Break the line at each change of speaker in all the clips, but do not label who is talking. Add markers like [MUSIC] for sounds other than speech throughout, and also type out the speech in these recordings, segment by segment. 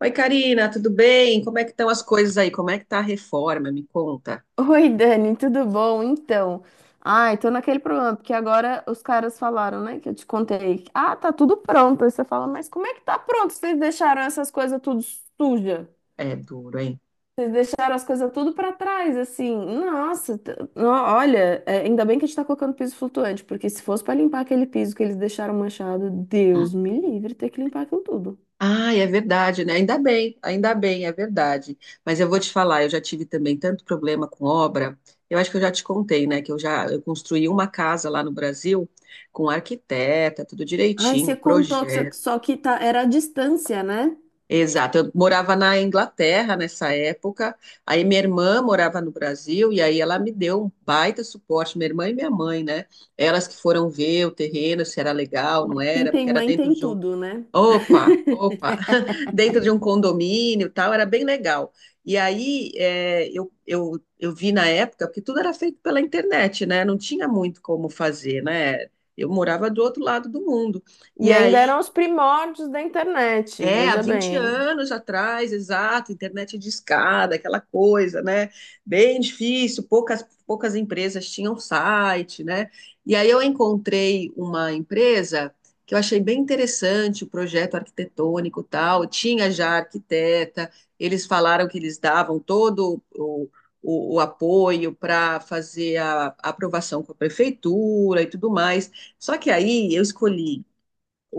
Oi, Karina, tudo bem? Como é que estão as coisas aí? Como é que tá a reforma? Me conta.
Oi, Dani, tudo bom? Então, ai, tô naquele problema, porque agora os caras falaram, né, que eu te contei. Ah, tá tudo pronto. Aí você fala, mas como é que tá pronto? Vocês deixaram essas coisas tudo suja?
É duro, hein?
Vocês deixaram as coisas tudo pra trás, assim. Nossa, olha, é, ainda bem que a gente tá colocando piso flutuante, porque se fosse pra limpar aquele piso que eles deixaram manchado, Deus me livre ter que limpar aquilo tudo.
Ah, é verdade, né? Ainda bem, é verdade. Mas eu vou te falar, eu já tive também tanto problema com obra. Eu acho que eu já te contei, né? Que eu construí uma casa lá no Brasil com arquiteta, tudo
Ai,
direitinho,
você contou que
projeto.
só que tá, era a distância, né?
Exato. Eu morava na Inglaterra nessa época. Aí minha irmã morava no Brasil e aí ela me deu um baita suporte, minha irmã e minha mãe, né? Elas que foram ver o terreno, se era legal, não
Quem
era, porque
tem
era
mãe
dentro
tem
de um...
tudo, né?
Opa, opa, [LAUGHS] dentro de um condomínio e tal, era bem legal. E aí é, eu vi na época, porque tudo era feito pela internet, né? Não tinha muito como fazer, né? Eu morava do outro lado do mundo. E
E ainda
aí
eram os primórdios da internet,
é, há
veja
20
bem.
anos atrás, exato, internet discada, aquela coisa, né? Bem difícil, poucas empresas tinham site, né? E aí eu encontrei uma empresa que eu achei bem interessante, o projeto arquitetônico e tal, tinha já arquiteta, eles falaram que eles davam todo o apoio para fazer a aprovação com a prefeitura e tudo mais. Só que aí eu escolhi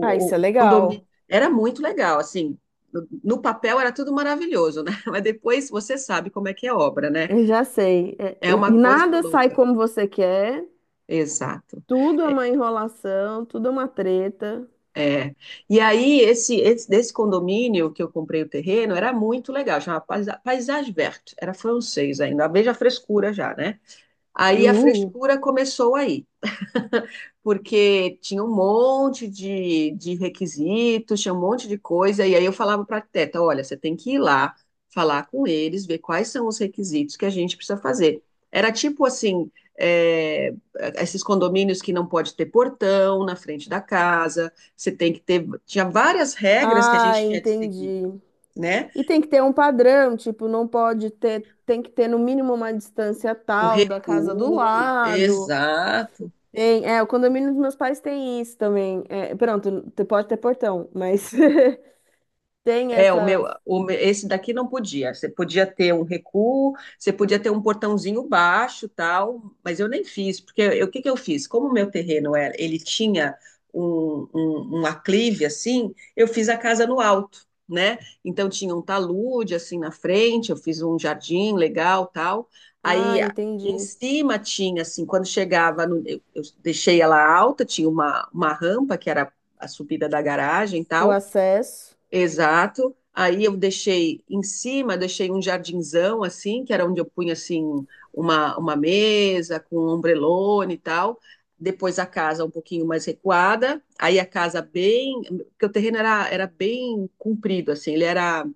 Ah, isso é
o condomínio
legal.
era muito legal, assim, no papel era tudo maravilhoso, né? [LAUGHS] Mas depois você sabe como é que é obra, né?
Eu já sei.
É
É,
uma coisa
nada sai
louca.
como você quer,
Exato.
tudo é
É,
uma enrolação, tudo é uma treta.
é. E aí, esse desse condomínio que eu comprei o terreno era muito legal, chamava Paysage Verte, era francês ainda, veja a frescura já, né? Aí a
Uh.
frescura começou aí. [LAUGHS] Porque tinha um monte de requisitos, tinha um monte de coisa, e aí eu falava para a arquiteta, olha, você tem que ir lá, falar com eles, ver quais são os requisitos que a gente precisa fazer. Era tipo assim, é, esses condomínios que não pode ter portão na frente da casa, você tem que ter, tinha várias regras que a
Ah,
gente tinha que seguir,
entendi.
né?
E tem que ter um padrão, tipo, não pode ter, tem que ter no mínimo uma distância
O
tal da casa do
recuo,
lado.
exato.
Tem, é, o condomínio dos meus pais tem isso também. É, pronto, pode ter portão, mas [LAUGHS] tem
É, o meu,
essas.
esse daqui não podia. Você podia ter um recuo, você podia ter um portãozinho baixo, tal, mas eu nem fiz, porque eu... o que que eu fiz? Como o meu terreno era, ele tinha um aclive assim, eu fiz a casa no alto, né? Então tinha um talude assim na frente, eu fiz um jardim legal, tal.
Ah,
Aí a- Em
entendi.
cima tinha assim, quando chegava, eu deixei ela alta, tinha uma rampa que era a subida da garagem,
O
tal.
acesso.
Exato. Aí eu deixei em cima, deixei um jardinzão assim, que era onde eu punha assim uma mesa com um ombrelone e tal. Depois a casa um pouquinho mais recuada. Aí a casa bem, porque o terreno era, era bem comprido assim, ele era,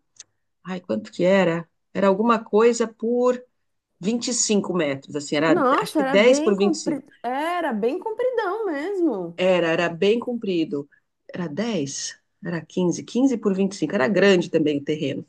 ai, quanto que era? Era alguma coisa por 25 metros, assim, era acho
Nossa,
que 10 por 25.
era bem compridão mesmo.
Era, era bem comprido. Era 10? era 15? 15 por 25? Era grande também o terreno.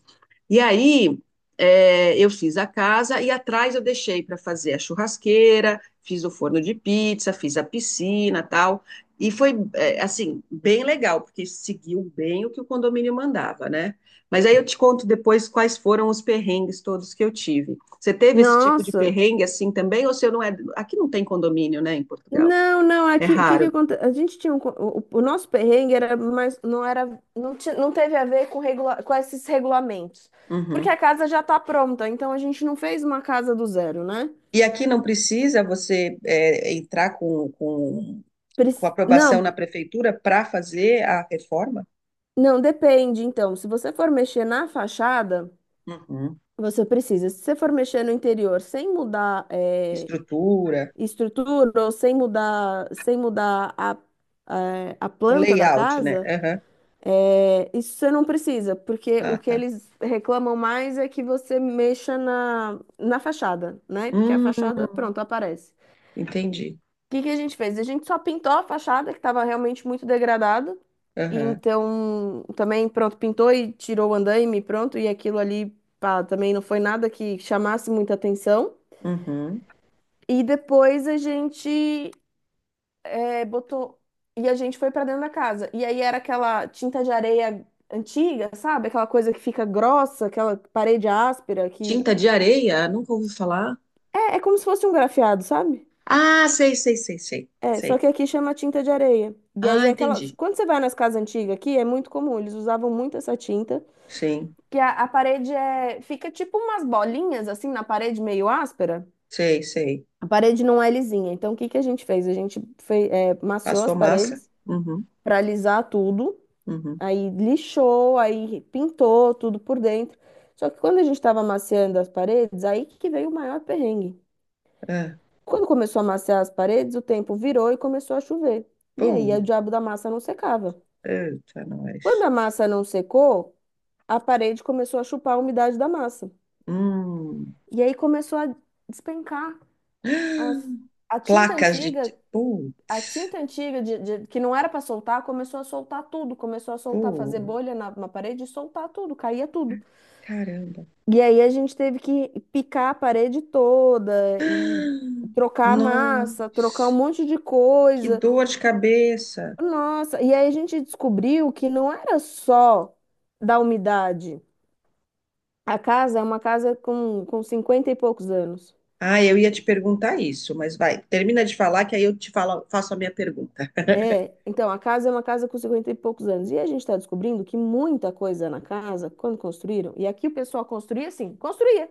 E aí, é, eu fiz a casa e atrás eu deixei para fazer a churrasqueira, fiz o forno de pizza, fiz a piscina, tal. E foi, é, assim, bem legal, porque seguiu bem o que o condomínio mandava, né? Mas aí eu te conto depois quais foram os perrengues todos que eu tive. Você teve esse tipo de
Nossa.
perrengue assim também? Ou se eu não é. Aqui não tem condomínio, né, em Portugal?
Não, não,
É
aqui o que que
raro.
acontece? A gente tinha o nosso perrengue era mais não era não, não teve a ver com com esses regulamentos. Porque a
Uhum.
casa já tá pronta, então a gente não fez uma casa do zero, né?
E aqui não precisa você é, entrar com aprovação
Não,
na prefeitura para fazer a reforma?
não depende então. Se você for mexer na fachada,
Uhum.
você precisa. Se você for mexer no interior sem mudar
Estrutura,
estrutura ou sem mudar, sem mudar a, a
o
planta da
layout, né?
casa,
Aham.
é, isso você não precisa, porque
Ah,
o que
tá.
eles reclamam mais é que você mexa na fachada, né? Porque a
Hum,
fachada, pronto, aparece.
entendi.
O que que a gente fez? A gente só pintou a fachada, que estava realmente muito degradada. E
Aham.
então, também, pronto, pintou e tirou o andaime, pronto, e aquilo ali, pá, também não foi nada que chamasse muita atenção.
Uhum.
E depois a gente é, botou. E a gente foi pra dentro da casa. E aí era aquela tinta de areia antiga, sabe? Aquela coisa que fica grossa, aquela parede áspera que.
Tinta de areia? Nunca ouvi falar.
É como se fosse um grafiado, sabe?
Ah, sei, sei, sei, sei,
É, só
sei.
que aqui chama tinta de areia. E aí
Ah,
é aquela.
entendi.
Quando você vai nas casas antigas aqui, é muito comum, eles usavam muito essa tinta.
Sim,
Que a parede é. Fica tipo umas bolinhas assim na parede meio áspera.
sei, sei.
A parede não é lisinha. Então o que que a gente fez? A gente é, maciou as
Passou massa?
paredes
Uhum,
pra alisar tudo.
uhum.
Aí lixou, aí pintou tudo por dentro. Só que quando a gente estava amaciando as paredes, aí que veio o maior perrengue.
Ah,
Quando começou a amaciar as paredes, o tempo virou e começou a chover. E aí
pum.
o diabo da massa não secava.
Eita,
Quando
nós.
a massa não secou, a parede começou a chupar a umidade da massa.
Hum.
E aí começou a despencar. As-
[GASPS]
A tinta
Placas de...
antiga,
Putz,
que não era para soltar, começou a soltar tudo. Começou a soltar, fazer
pô,
bolha na parede e soltar tudo, caía tudo.
caramba.
E aí a gente teve que picar a parede toda e trocar a massa, trocar um
Nossa,
monte de
que
coisa.
dor de cabeça.
Nossa, e aí a gente descobriu que não era só da umidade. A casa é uma casa com 50 e poucos anos.
Ah, eu ia te perguntar isso, mas vai, termina de falar que aí eu te falo, faço a minha pergunta.
É, então a casa é uma casa com 50 e poucos anos. E a gente está descobrindo que muita coisa na casa, quando construíram, e aqui o pessoal construía assim, construía.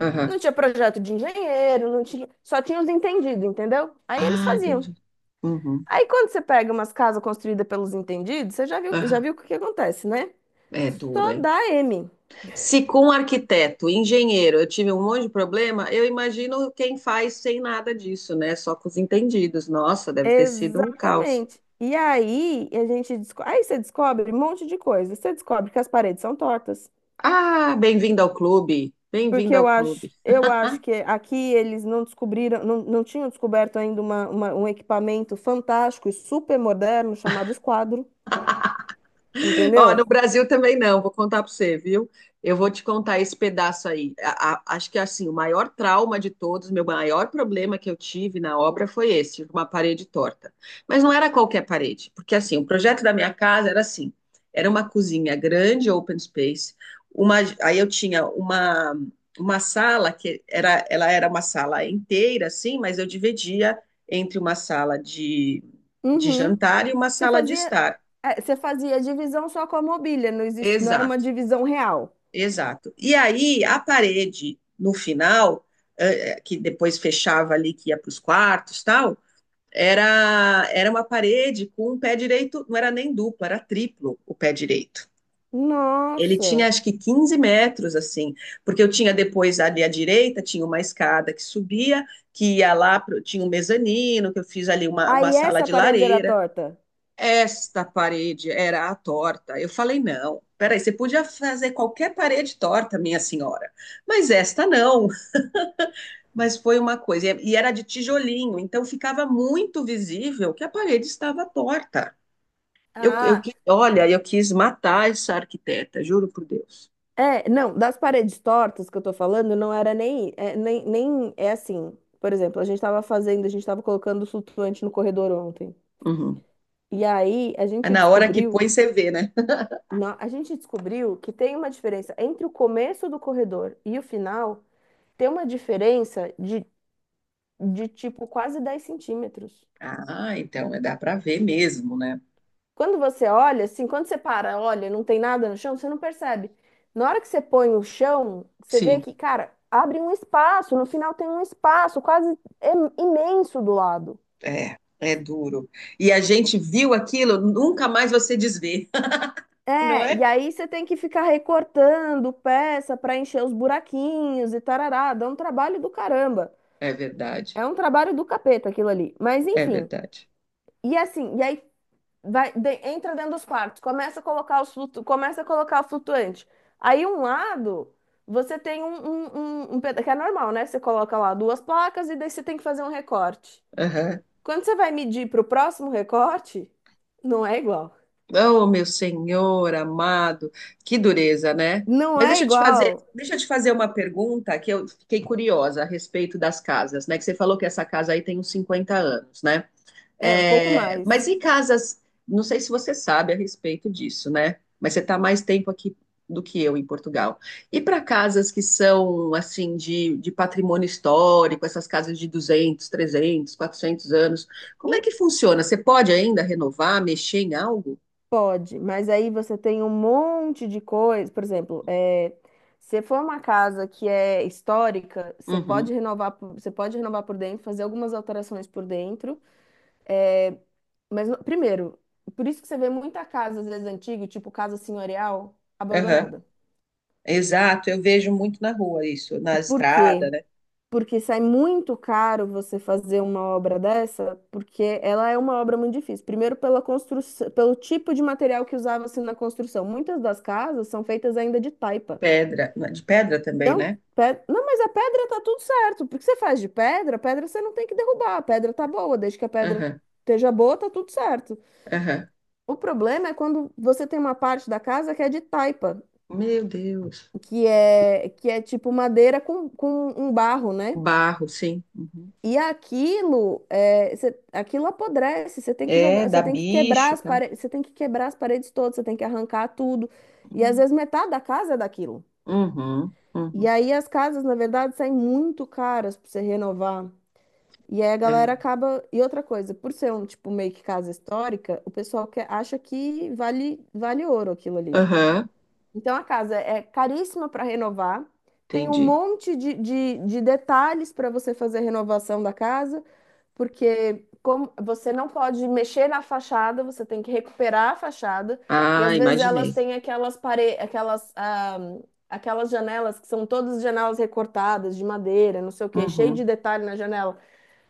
Aham.
Não tinha projeto de engenheiro, não tinha, só tinha os entendidos, entendeu? Aí eles
Ah,
faziam.
entendi. Uhum.
Aí quando você pega umas casas construídas pelos entendidos, você já
Aham.
viu o que que acontece, né?
É duro,
Só
hein?
dá M.
Se com um arquiteto, engenheiro, eu tive um monte de problema, eu imagino quem faz sem nada disso, né? Só com os entendidos. Nossa, deve ter sido um caos.
Exatamente. E aí a gente aí você descobre um monte de coisa. Você descobre que as paredes são tortas.
Ah, bem-vindo ao clube.
Porque
Bem-vindo ao clube.
eu acho que aqui eles não descobriram, não, não tinham descoberto ainda um equipamento fantástico e super moderno chamado esquadro,
Ó, no
entendeu?
Brasil também não, vou contar para você, viu? Eu vou te contar esse pedaço aí. Acho que assim, o maior trauma de todos, meu maior problema que eu tive na obra foi esse, uma parede torta. Mas não era qualquer parede, porque assim, o projeto da minha casa era assim, era uma cozinha grande, open space, uma, aí eu tinha uma sala que era, ela era uma sala inteira assim, mas eu dividia entre uma sala de
Uhum.
jantar e uma
Você
sala de
fazia,
estar.
é, você fazia divisão só com a mobília, não existe, não era uma
Exato.
divisão real.
Exato. E aí, a parede, no final, que depois fechava ali, que ia para os quartos, tal, era, era uma parede com um pé direito, não era nem duplo, era triplo o pé direito. Ele tinha,
Nossa!
acho que, 15 metros, assim, porque eu tinha depois ali à direita, tinha uma escada que subia, que ia lá, pro, tinha um mezanino, que eu fiz ali uma
Aí
sala
essa
de
parede era
lareira,
torta.
esta parede era a torta. Eu falei, não, peraí, você podia fazer qualquer parede torta, minha senhora, mas esta não. Mas foi uma coisa, e era de tijolinho, então ficava muito visível que a parede estava torta.
Ah,
Olha, eu quis matar essa arquiteta, juro por Deus.
é, não, das paredes tortas que eu tô falando, não era nem, é, nem, nem, é assim, por exemplo, a gente tava colocando flutuante no corredor ontem,
Uhum.
e aí a
É.
gente
Na hora que
descobriu,
põe, você vê, né?
a gente descobriu que tem uma diferença entre o começo do corredor e o final, tem uma diferença de tipo quase 10 centímetros.
Ah, então é, dá para ver mesmo, né?
Quando você olha, assim, quando você para, olha, não tem nada no chão, você não percebe. Na hora que você põe o chão, você vê
Sim,
que, cara, abre um espaço, no final tem um espaço quase imenso do lado.
é, é duro. E a gente viu aquilo, nunca mais você desvê, [LAUGHS] não
É, e
é?
aí você tem que ficar recortando peça para encher os buraquinhos e tarará, dá um trabalho do caramba.
É verdade,
É um trabalho do capeta aquilo ali. Mas
é
enfim.
verdade.
E assim, e aí vai, entra dentro dos quartos, começa a colocar os flutu, começa a colocar o flutuante. Aí um lado você tem um que é normal, né? Você coloca lá duas placas e daí você tem que fazer um recorte.
Aham.
Quando você vai medir para o próximo recorte, não é igual.
Oh, meu Senhor amado, que dureza, né?
Não
Mas
é igual.
deixa eu te fazer uma pergunta que eu fiquei curiosa a respeito das casas, né? Que você falou que essa casa aí tem uns 50 anos, né?
É um pouco
É,
mais.
mas em casas, não sei se você sabe a respeito disso, né? Mas você está mais tempo aqui do que eu em Portugal. E para casas que são, assim, de patrimônio histórico, essas casas de 200, 300, 400 anos, como é
Em-
que funciona? Você pode ainda renovar, mexer em algo?
Pode, mas aí você tem um monte de coisa. Por exemplo, é, se for uma casa que é histórica, você
Uhum.
pode renovar, você pode renovar por dentro, fazer algumas alterações por dentro. É, mas, primeiro, por isso que você vê muita casa, às vezes, antiga, tipo casa senhorial,
Aham.
abandonada.
Exato, eu vejo muito na rua isso, na
Por quê?
estrada, né?
Porque sai muito caro você fazer uma obra dessa, porque ela é uma obra muito difícil. Primeiro, pela construção, pelo tipo de material que usava-se na construção. Muitas das casas são feitas ainda de taipa.
Pedra, de pedra também,
Não,
né?
não, mas a pedra tá tudo certo. Porque você faz de pedra, a pedra você não tem que derrubar. A pedra tá boa, desde que a pedra
Aham,
esteja boa, tá tudo certo.
aham.
O problema é quando você tem uma parte da casa que é de taipa,
Meu Deus.
que é tipo madeira com um barro, né?
Barro, sim. Uhum.
E aquilo, é, aquilo apodrece, você tem que
É,
jogar,
dá
você tem que quebrar
bicho,
as
tá?
paredes, você tem que quebrar as paredes todas, você tem que arrancar tudo. E às vezes metade da casa é daquilo.
Uhum,
E
uhum.
aí as casas, na verdade, saem muito caras para você renovar. E aí a galera
É.
acaba. E outra coisa, por ser um tipo meio que casa histórica, o pessoal que acha que vale, vale ouro aquilo ali.
Aham,
Então a casa é caríssima para renovar, tem um
entendi.
monte de detalhes para você fazer a renovação da casa, porque como você não pode mexer na fachada, você tem que recuperar a fachada, e
Ah,
às vezes elas
imaginei.
têm aquelas, ah, aquelas janelas que são todas janelas recortadas de madeira, não sei o quê, cheio
Uhum,
de detalhe na janela.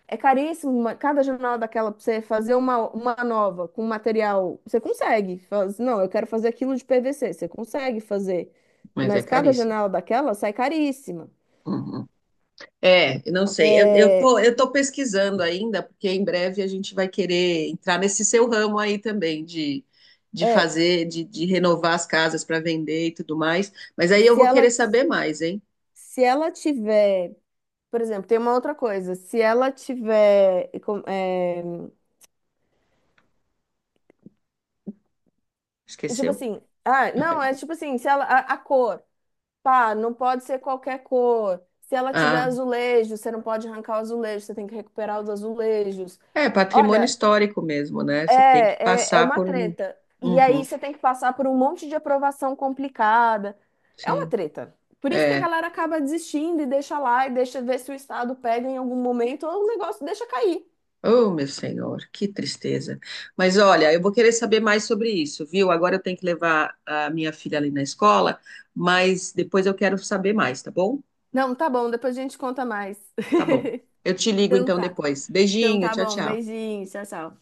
É caríssimo, cada jornal daquela pra você fazer uma nova com material, você consegue. Faz, não, eu quero fazer aquilo de PVC, você consegue fazer.
mas é
Mas cada
caríssimo.
janela daquela sai caríssima.
Uhum. É, eu não sei. Eu tô,
É,
eu tô pesquisando ainda, porque em breve a gente vai querer entrar nesse seu ramo aí também de
é,
fazer, de renovar as casas para vender e tudo mais. Mas aí eu
se
vou querer
ela,
saber mais, hein?
se ela tiver, por exemplo, tem uma outra coisa, se ela tiver, é, tipo
Esqueceu?
assim, ah, não, é tipo assim, se ela, a cor, pá, não pode ser qualquer cor. Se ela tiver
Ah,
azulejo, você não pode arrancar o azulejo, você tem que recuperar os azulejos.
é patrimônio
Olha,
histórico mesmo, né? Você tem que
é, é
passar
uma
por um.
treta. E aí
Uhum,
você tem que passar por um monte de aprovação complicada. É uma
sim.
treta. Por isso que a
É.
galera acaba desistindo e deixa lá e deixa ver se o Estado pega em algum momento ou o negócio deixa cair.
Oh, meu senhor, que tristeza. Mas olha, eu vou querer saber mais sobre isso, viu? Agora eu tenho que levar a minha filha ali na escola, mas depois eu quero saber mais, tá bom?
Não, tá bom, depois a gente conta mais.
Tá
[LAUGHS]
bom. Eu te ligo
Então
então
tá.
depois.
Então
Beijinho,
tá
tchau,
bom,
tchau.
beijinho, tchau, tchau.